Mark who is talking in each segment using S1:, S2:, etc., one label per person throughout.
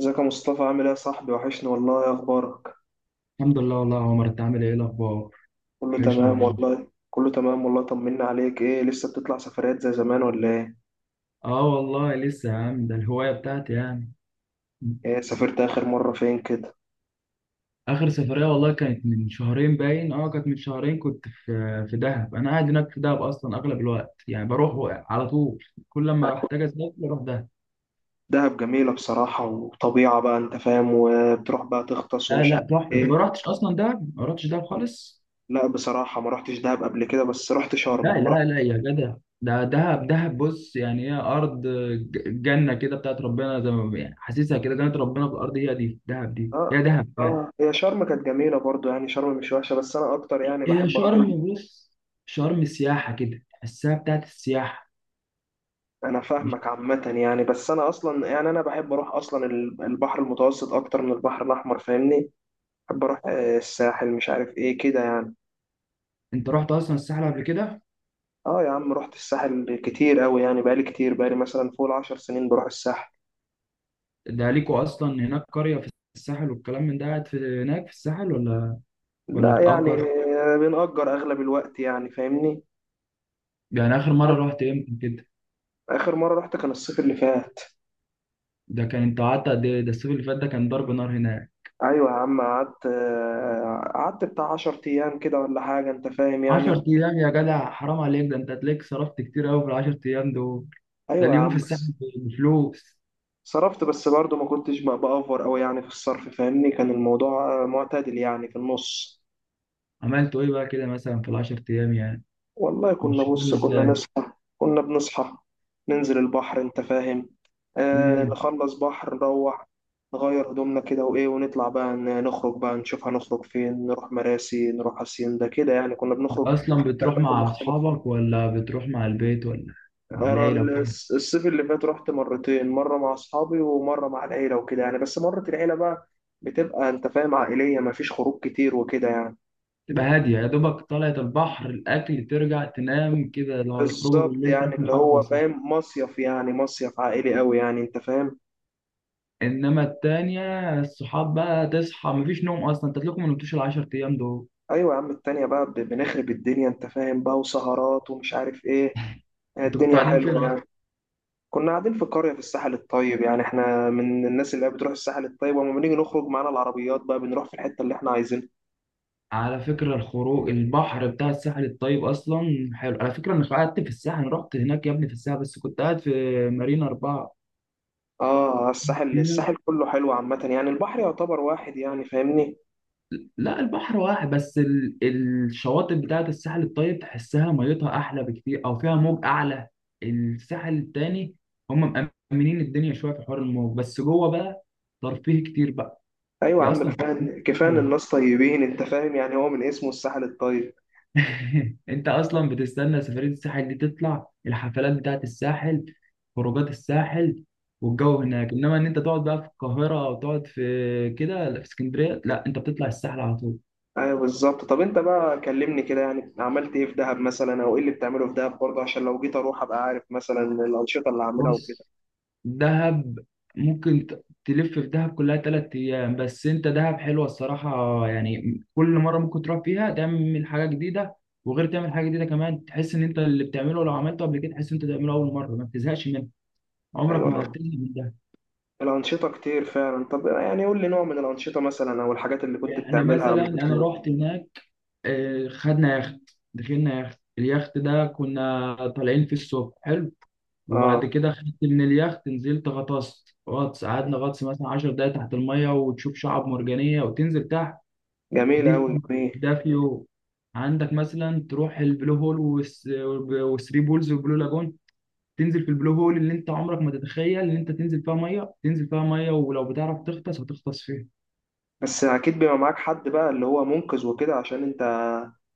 S1: ازيك يا مصطفى؟ عامل ايه يا صاحبي؟ وحشني والله، يا اخبارك؟
S2: الحمد لله والله يا عمر، انت عامل ايه الاخبار؟
S1: كله
S2: وحشنا
S1: تمام
S2: والله.
S1: والله، كله تمام والله. طمنا عليك، ايه لسه بتطلع سفريات زي زمان ولا ايه؟
S2: اه والله لسه يا عم، ده الهوايه بتاعتي يعني.
S1: ايه سافرت اخر مرة فين كده؟
S2: اخر سفريه والله كانت من شهرين باين، اه كانت من شهرين. كنت في دهب، انا قاعد هناك في دهب اصلا اغلب الوقت يعني، بروح على طول كل ما احتاج اسافر اروح دهب.
S1: دهب جميلة بصراحة وطبيعة، بقى انت فاهم، وبتروح بقى تغطس
S2: لا
S1: ومش عارف
S2: لا تحفه، انت ما
S1: ايه.
S2: رحتش اصلا دهب، ما رحتش دهب خالص.
S1: لا بصراحة ما رحتش دهب قبل كده، بس رحت
S2: لا
S1: شرم، ما رحت.
S2: لا لا يا جدع، ده دهب بص، يعني هي ارض جنه كده بتاعت ربنا، زي ما يعني حاسسها كده جنه ربنا في الارض، هي دي دهب، دي هي
S1: اه.
S2: دهب يعني.
S1: آه. هي شرم كانت جميلة برضو، يعني شرم مش وحشة، بس أنا أكتر يعني
S2: إيه،
S1: بحب أروح
S2: شرم بص، شرم سياحة كده تحسها بتاعت السياحة.
S1: أنا
S2: مش
S1: فاهمك عامة يعني، بس أنا أصلا يعني أنا بحب أروح أصلا البحر المتوسط أكتر من البحر الأحمر، فاهمني؟ بحب اروح، آه، الساحل، مش عارف ايه كده يعني.
S2: انت رحت اصلا الساحل قبل كده؟
S1: اه يا عم، رحت الساحل كتير قوي يعني، بقالي كتير، بقالي مثلا فوق العشر سنين بروح الساحل.
S2: ده ليكوا اصلا هناك قرية في الساحل والكلام من ده، قاعد في هناك في الساحل ولا ولا
S1: لا يعني،
S2: بتأجر؟
S1: آه، بنأجر اغلب الوقت يعني، فاهمني؟
S2: يعني اخر
S1: قعدت-
S2: مرة رحت امتى كده؟
S1: اخر مرة رحت كان الصيف اللي فات.
S2: ده كان انت قعدت قد ايه؟ ده الصيف اللي فات ده كان ضرب نار هناك.
S1: ايوه يا عم قعدت، آه، قعدت بتاع عشر ايام كده ولا حاجة، انت فاهم
S2: 10
S1: يعني.
S2: ايام يا جدع حرام عليك، ده انت هتلاقيك صرفت كتير قوي في ال 10 ايام دول، ده
S1: ايوه يا
S2: اليوم في
S1: عم
S2: الساحل
S1: بس.
S2: بفلوس.
S1: صرفت، بس برضه ما كنتش بقى بأفور قوي يعني في الصرف، فاهمني؟ كان الموضوع آه، معتدل يعني في النص.
S2: عملتوا ايه بقى كده مثلا في ال 10 ايام يعني؟
S1: والله كنا،
S2: مش فاهم
S1: بص، كنا
S2: ازاي.
S1: ناس كنا بنصحى، ننزل البحر، انت فاهم. آه، نخلص بحر، نروح نغير هدومنا كده وايه، ونطلع بقى نخرج بقى، نشوف هنخرج فين، نروح مراسي، نروح هاسيندا كده يعني، كنا بنخرج
S2: اصلا
S1: في
S2: بتروح
S1: اماكن
S2: مع
S1: مختلفه.
S2: اصحابك ولا بتروح مع البيت ولا مع
S1: انا
S2: العيله؟
S1: الصيف اللي فات رحت مرتين، مره مع اصحابي ومره مع العيله وكده يعني، بس مره العيله بقى بتبقى انت فاهم عائليه، مفيش خروج كتير وكده يعني.
S2: تبقى هاديه، يا دوبك طلعت البحر، الاكل، ترجع تنام كده، لو هيخرجوا
S1: بالظبط،
S2: بالليل
S1: يعني
S2: تاكل
S1: اللي
S2: حاجه
S1: هو
S2: بسيطه.
S1: فاهم مصيف، يعني مصيف عائلي قوي يعني، انت فاهم.
S2: انما التانية الصحاب بقى، تصحى مفيش نوم اصلا، انت تلاقيكم ما نمتوش العشر ايام دول.
S1: ايوه يا عم، التانية بقى بنخرب الدنيا، انت فاهم بقى، وسهرات ومش عارف ايه. آه،
S2: انتوا كنتوا
S1: الدنيا
S2: قاعدين فين
S1: حلوة
S2: اصلا؟
S1: يعني. كنا قاعدين في قرية في الساحل الطيب، يعني احنا من الناس اللي هي بتروح الساحل الطيب، ولما بنيجي نخرج معانا العربيات بقى بنروح في الحتة اللي احنا عايزينها.
S2: على فكره الخروج البحر بتاع الساحل الطيب اصلا حلو، على فكره انا قعدت في الساحل، أنا رحت هناك يا ابني في الساحل بس كنت قاعد في مارينا اربعه.
S1: اه، آه، الساحل،
S2: فيها،
S1: الساحل كله حلو عامة يعني، البحر يعتبر واحد يعني، فاهمني؟
S2: لا البحر واحد بس ال... الشواطئ بتاعت الساحل الطيب تحسها ميتها احلى بكتير، او فيها موج اعلى الساحل التاني. هم مأمنين الدنيا شويه في حوار الموج، بس جوه بقى ترفيه كتير بقى.
S1: ايوه يا
S2: هي
S1: عم،
S2: اصلا في
S1: كفاية كفاية ان
S2: الساحل
S1: الناس طيبين، انت فاهم يعني، هو من اسمه الساحل الطيب.
S2: انت اصلا بتستنى سفريه الساحل دي، تطلع الحفلات بتاعت الساحل، خروجات الساحل والجو هناك. انما ان انت تقعد بقى في القاهره او تقعد في كده لا، في اسكندريه لا، انت بتطلع الساحل على طول.
S1: ايوه بالظبط. طب انت بقى كلمني كده، يعني عملت ايه في دهب مثلا، او ايه اللي بتعمله في دهب برضه، عشان لو جيت اروح ابقى عارف مثلا الانشطة اللي هعملها وكده.
S2: بص دهب ممكن تلف في دهب كلها تلات أيام، بس أنت دهب حلوة الصراحة يعني، كل مرة ممكن تروح فيها تعمل حاجة جديدة. وغير تعمل حاجة جديدة كمان، تحس إن أنت اللي بتعمله لو عملته قبل كده تحس إن أنت تعمله أول مرة، ما بتزهقش منه، عمرك ما
S1: ايوه.
S2: هتزهق من ده.
S1: الانشطه كتير فعلا، طب يعني قول لي نوع من الانشطه مثلا، او الحاجات اللي كنت
S2: يعني
S1: بتعملها
S2: مثلا
S1: لما
S2: أنا
S1: بتروح.
S2: رحت هناك، آه، خدنا يخت، دخلنا يخت، اليخت ده كنا طالعين في الصبح حلو،
S1: اه.
S2: وبعد كده خدت من اليخت نزلت غطست غطس، قعدنا غطس مثلا 10 دقايق تحت المية، وتشوف شعاب مرجانية وتنزل تحت.
S1: جميل
S2: دي
S1: قوي، جميل.
S2: ده في يوم. عندك مثلا تروح البلو هول والثري بولز والبلو لاجون. تنزل في البلو هول اللي انت عمرك ما تتخيل ان انت تنزل فيها ميه، تنزل فيها ميه، ولو بتعرف تغطس هتغطس فيها.
S1: بس اكيد بيبقى معاك حد بقى اللي هو منقذ وكده، عشان انت.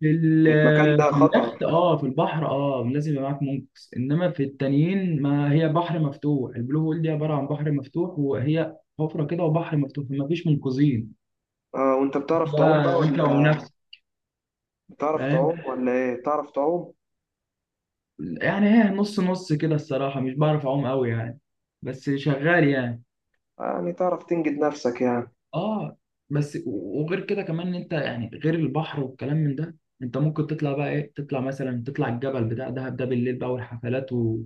S2: في
S1: يعني المكان
S2: ال-
S1: ده
S2: في
S1: خطر.
S2: اليخت اه، في البحر اه، لازم يبقى معاك منقذ. انما في التانيين ما هي بحر مفتوح، البلو هول دي عباره عن بحر مفتوح، وهي حفره كده وبحر مفتوح، فما فيش منقذين.
S1: اه، وانت بتعرف تعوم بقى
S2: لا انت
S1: ولا؟
S2: ونفسك
S1: بتعرف
S2: فاهم
S1: تعوم ولا ايه؟ بتعرف تعوم؟
S2: يعني. ايه نص نص كده الصراحة، مش بعرف أعوم قوي يعني، بس شغال يعني.
S1: يعني تعرف تنجد نفسك يعني.
S2: اه، بس وغير كده كمان، إن انت يعني غير البحر والكلام من ده، انت ممكن تطلع بقى ايه، تطلع مثلا تطلع الجبل بتاع دهب ده بالليل بقى، والحفلات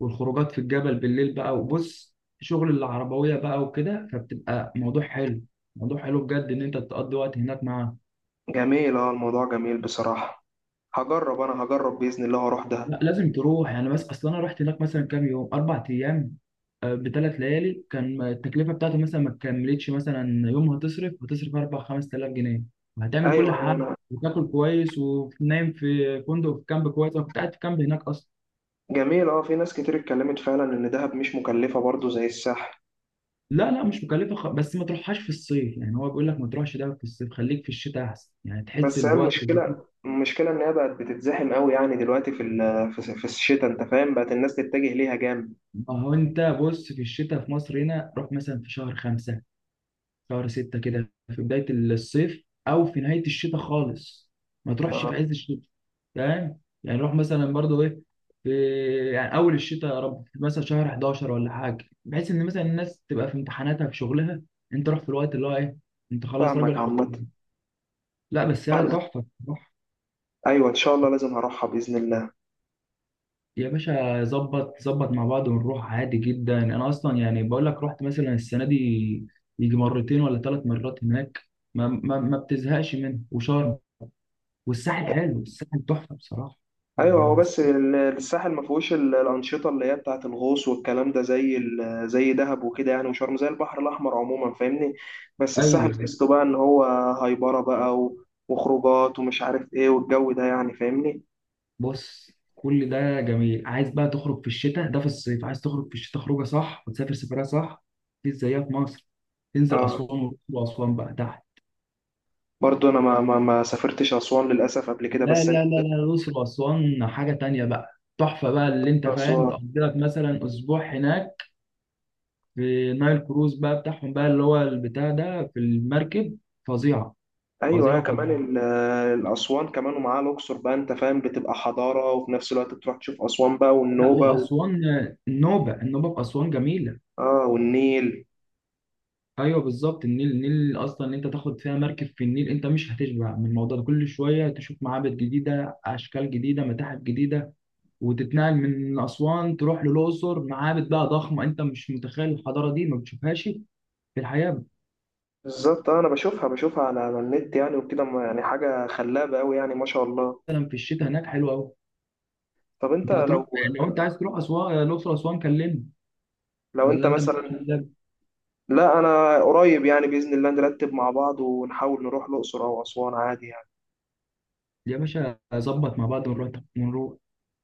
S2: والخروجات في الجبل بالليل بقى، وبص شغل العربوية بقى وكده، فبتبقى موضوع حلو، موضوع حلو بجد ان انت تقضي وقت هناك معاه.
S1: جميل، اه الموضوع جميل بصراحه. هجرب، انا هجرب باذن الله واروح دهب.
S2: لا لازم تروح يعني، بس اصل انا رحت هناك مثلا كام يوم، اربع ايام بثلاث ليالي، كان التكلفه بتاعته مثلا ما تكملتش مثلا يوم، هتصرف هتصرف 4 5000 جنيه وهتعمل كل
S1: ايوه ايوه
S2: حاجه،
S1: انا.
S2: وتاكل كويس ونايم في فندق في كامب كويس، انا كنت قاعد في كامب هناك اصلا.
S1: جميل، اه في ناس كتير اتكلمت فعلا ان دهب مش مكلفه برضو زي الساحل.
S2: لا لا مش مكلفه، خ... بس ما تروحهاش في الصيف يعني، هو بيقول لك ما تروحش ده في الصيف، خليك في الشتاء احسن يعني تحس
S1: بس هي
S2: الوقت.
S1: المشكله، المشكله ان هي بقت بتتزحم قوي يعني دلوقتي في في الشتاء، انت فاهم، بقت الناس تتجه ليها جامد.
S2: ما هو انت بص في الشتاء في مصر هنا، روح مثلا في شهر خمسة شهر ستة كده، في بداية الصيف أو في نهاية الشتاء خالص، ما تروحش في عز الشتاء فاهم يعني. روح مثلا برضو إيه في يعني أول الشتاء، يا رب مثلا شهر 11 ولا حاجة، بحيث إن مثلا الناس تبقى في امتحاناتها في شغلها، أنت روح في الوقت اللي هو إيه، أنت خلاص
S1: فاهمك
S2: راجل حب.
S1: عامه.
S2: لا بس هي
S1: فاهمك.
S2: تحفة، روح.
S1: ايوه ان شاء الله لازم هروحها باذن الله.
S2: يا باشا ظبط ظبط مع بعض ونروح عادي جدا، أنا أصلا يعني بقول لك رحت مثلا السنة دي يجي مرتين ولا ثلاث مرات هناك، ما بتزهقش منه. وشرم والساحل حلو، الساحل تحفه بصراحه.
S1: ايوه، هو بس
S2: أنا-
S1: الساحل ما فيهوش الانشطه اللي هي بتاعه الغوص والكلام ده، زي زي دهب وكده يعني، وشرم زي البحر الاحمر عموما، فاهمني؟ بس الساحل
S2: ايوه
S1: تحسه بقى ان هو هايبره بقى وخروجات ومش عارف ايه، والجو ده يعني، فاهمني؟
S2: بص كل ده جميل، عايز بقى تخرج في الشتاء، ده في الصيف عايز تخرج، في الشتاء خروجه صح وتسافر سفريه صح مفيش زيها في مصر. تنزل
S1: اه
S2: اسوان والأقصر، واسوان بقى تحت،
S1: برضه انا ما سافرتش اسوان للاسف قبل كده،
S2: لا
S1: بس أنا
S2: لا لا لا، الأقصر وأسوان حاجة تانية بقى، تحفة بقى اللي أنت
S1: نفسي
S2: فاهم،
S1: أروح اسوان.
S2: تقضي لك مثلا أسبوع هناك، في نايل كروز بقى بتاعهم بقى اللي هو البتاع ده في المركب، فظيعة
S1: ايوه
S2: فظيعة
S1: ايوه،
S2: فظيعة.
S1: كمان الاسوان كمان ومعاها الاقصر بقى، انت فاهم، بتبقى حضاره، وفي نفس الوقت بتروح تشوف اسوان بقى
S2: لا
S1: والنوبه
S2: وأسوان، النوبة النوبة في أسوان جميلة.
S1: اه والنيل.
S2: ايوه بالظبط، النيل النيل اصلا، ان انت تاخد فيها مركب في النيل انت مش هتشبع من الموضوع ده، كل شويه تشوف معابد جديده، اشكال جديده، متاحف جديده، وتتنقل من اسوان تروح للاقصر، معابد بقى ضخمه انت مش متخيل الحضاره دي، ما بتشوفهاش في الحياه.
S1: بالظبط، آه، انا بشوفها على النت يعني وكده يعني حاجه خلابه قوي يعني، ما شاء الله.
S2: مثلا في الشتاء هناك حلو قوي.
S1: طب انت
S2: انت هتروح،
S1: لو،
S2: لو انت عايز تروح اسوان الاقصر اسوان كلمني،
S1: لو انت
S2: ولا انت مش
S1: مثلا.
S2: ده؟
S1: لا انا قريب يعني، باذن الله نرتب مع بعض ونحاول نروح الاقصر او اسوان عادي يعني.
S2: يا باشا ظبط مع بعض ونروح ونروح.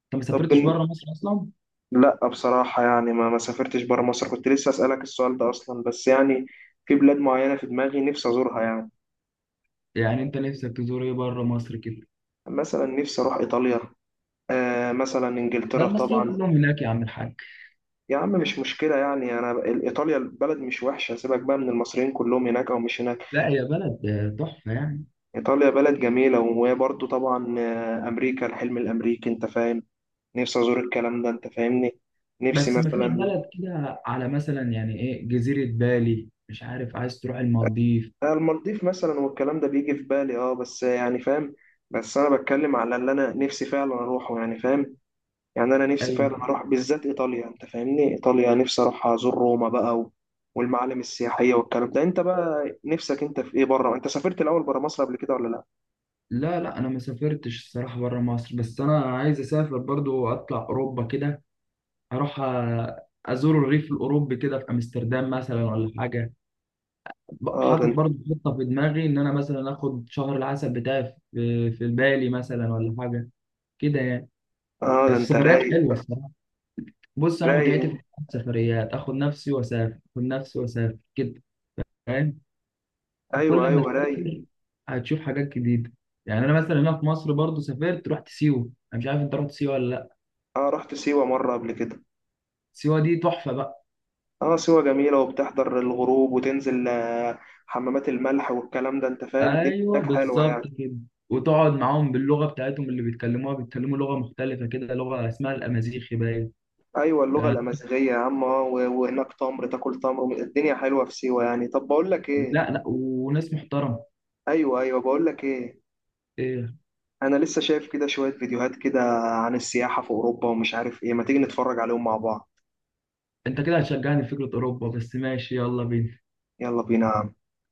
S2: انت ما
S1: طب
S2: سافرتش
S1: بن...
S2: بره مصر اصلا؟
S1: لا بصراحه يعني ما سافرتش بره مصر، كنت لسه اسالك السؤال ده اصلا، بس يعني في بلاد معينه في دماغي نفسي ازورها يعني.
S2: يعني انت نفسك تزور ايه بره مصر كده؟
S1: مثلا نفسي اروح ايطاليا، آه، مثلا
S2: ده
S1: انجلترا
S2: المصريين
S1: طبعا.
S2: كلهم هناك يا عم الحاج.
S1: يا عم مش مشكله يعني، انا ايطاليا البلد مش وحشه، سيبك بقى من المصريين كلهم هناك او مش هناك.
S2: لا هي بلد آه، تحفة يعني.
S1: ايطاليا بلد جميله، وهي برضو طبعا، آه، امريكا الحلم الامريكي، انت فاهم. نفسي ازور الكلام ده، انت فاهمني. نفسي
S2: بس مفيش
S1: مثلا،
S2: بلد كده على مثلا، يعني ايه جزيرة بالي مش عارف، عايز تروح المالديف؟
S1: آه، المالديف مثلا والكلام ده بيجي في بالي اه، بس يعني فاهم. بس انا بتكلم على اللي انا نفسي فعلا اروحه يعني، فاهم؟ يعني انا نفسي
S2: اي.
S1: فعلا اروح بالذات ايطاليا، انت فاهمني، ايطاليا نفسي اروح ازور روما بقى والمعالم السياحيه والكلام ده. انت بقى نفسك انت في ايه بره؟ انت سافرت الاول بره مصر قبل كده ولا لا؟
S2: لا لا انا ما سافرتش الصراحة بره مصر، بس انا عايز اسافر برضو اطلع اوروبا كده، اروح آه، ازور الريف الاوروبي كده في امستردام مثلا ولا حاجة.
S1: اه ده
S2: حاطط
S1: انت.
S2: برضو خطة في دماغي، ان انا مثلا اخد شهر العسل بتاعي في بالي مثلا ولا حاجة كده يعني.
S1: اه ده انت
S2: السفريات
S1: رايق.
S2: حلوة الصراحة. بص انا
S1: رايق
S2: متعتي في
S1: انت.
S2: السفريات، اخد نفسي واسافر، اخد نفسي واسافر كده فاهم. فكل
S1: ايوه
S2: لما
S1: ايوه رايق.
S2: تسافر هتشوف حاجات جديده. يعني انا مثلا هنا في مصر برضو سافرت، رحت سيوه، انا مش عارف انت رحت سيوه ولا لا.
S1: اه رحت سيوه مره قبل كده.
S2: سيوه دي تحفه بقى.
S1: اه سيوه جميله، وبتحضر الغروب وتنزل، آه، حمامات الملح والكلام ده، انت فاهم، الدنيا
S2: ايوه
S1: هناك حلوه
S2: بالظبط
S1: يعني.
S2: كده، وتقعد معاهم باللغه بتاعتهم اللي بيتكلموها، بيتكلموا لغه مختلفه كده، لغه اسمها الامازيغي باين.
S1: ايوه
S2: ف-
S1: اللغه الامازيغيه يا عم، اه وهناك تمر، تاكل تمر، الدنيا حلوه في سيوه يعني. طب بقول لك ايه.
S2: لا لا وناس محترمه.
S1: ايوه ايوه بقول لك ايه.
S2: ايه؟
S1: انا لسه شايف كده شوية فيديوهات كده عن السياحة في اوروبا ومش عارف ايه، ما تيجي نتفرج عليهم مع بعض.
S2: انت كده هتشجعني في فكره اوروبا، بس ماشي يلا بينا.
S1: يلا بينا.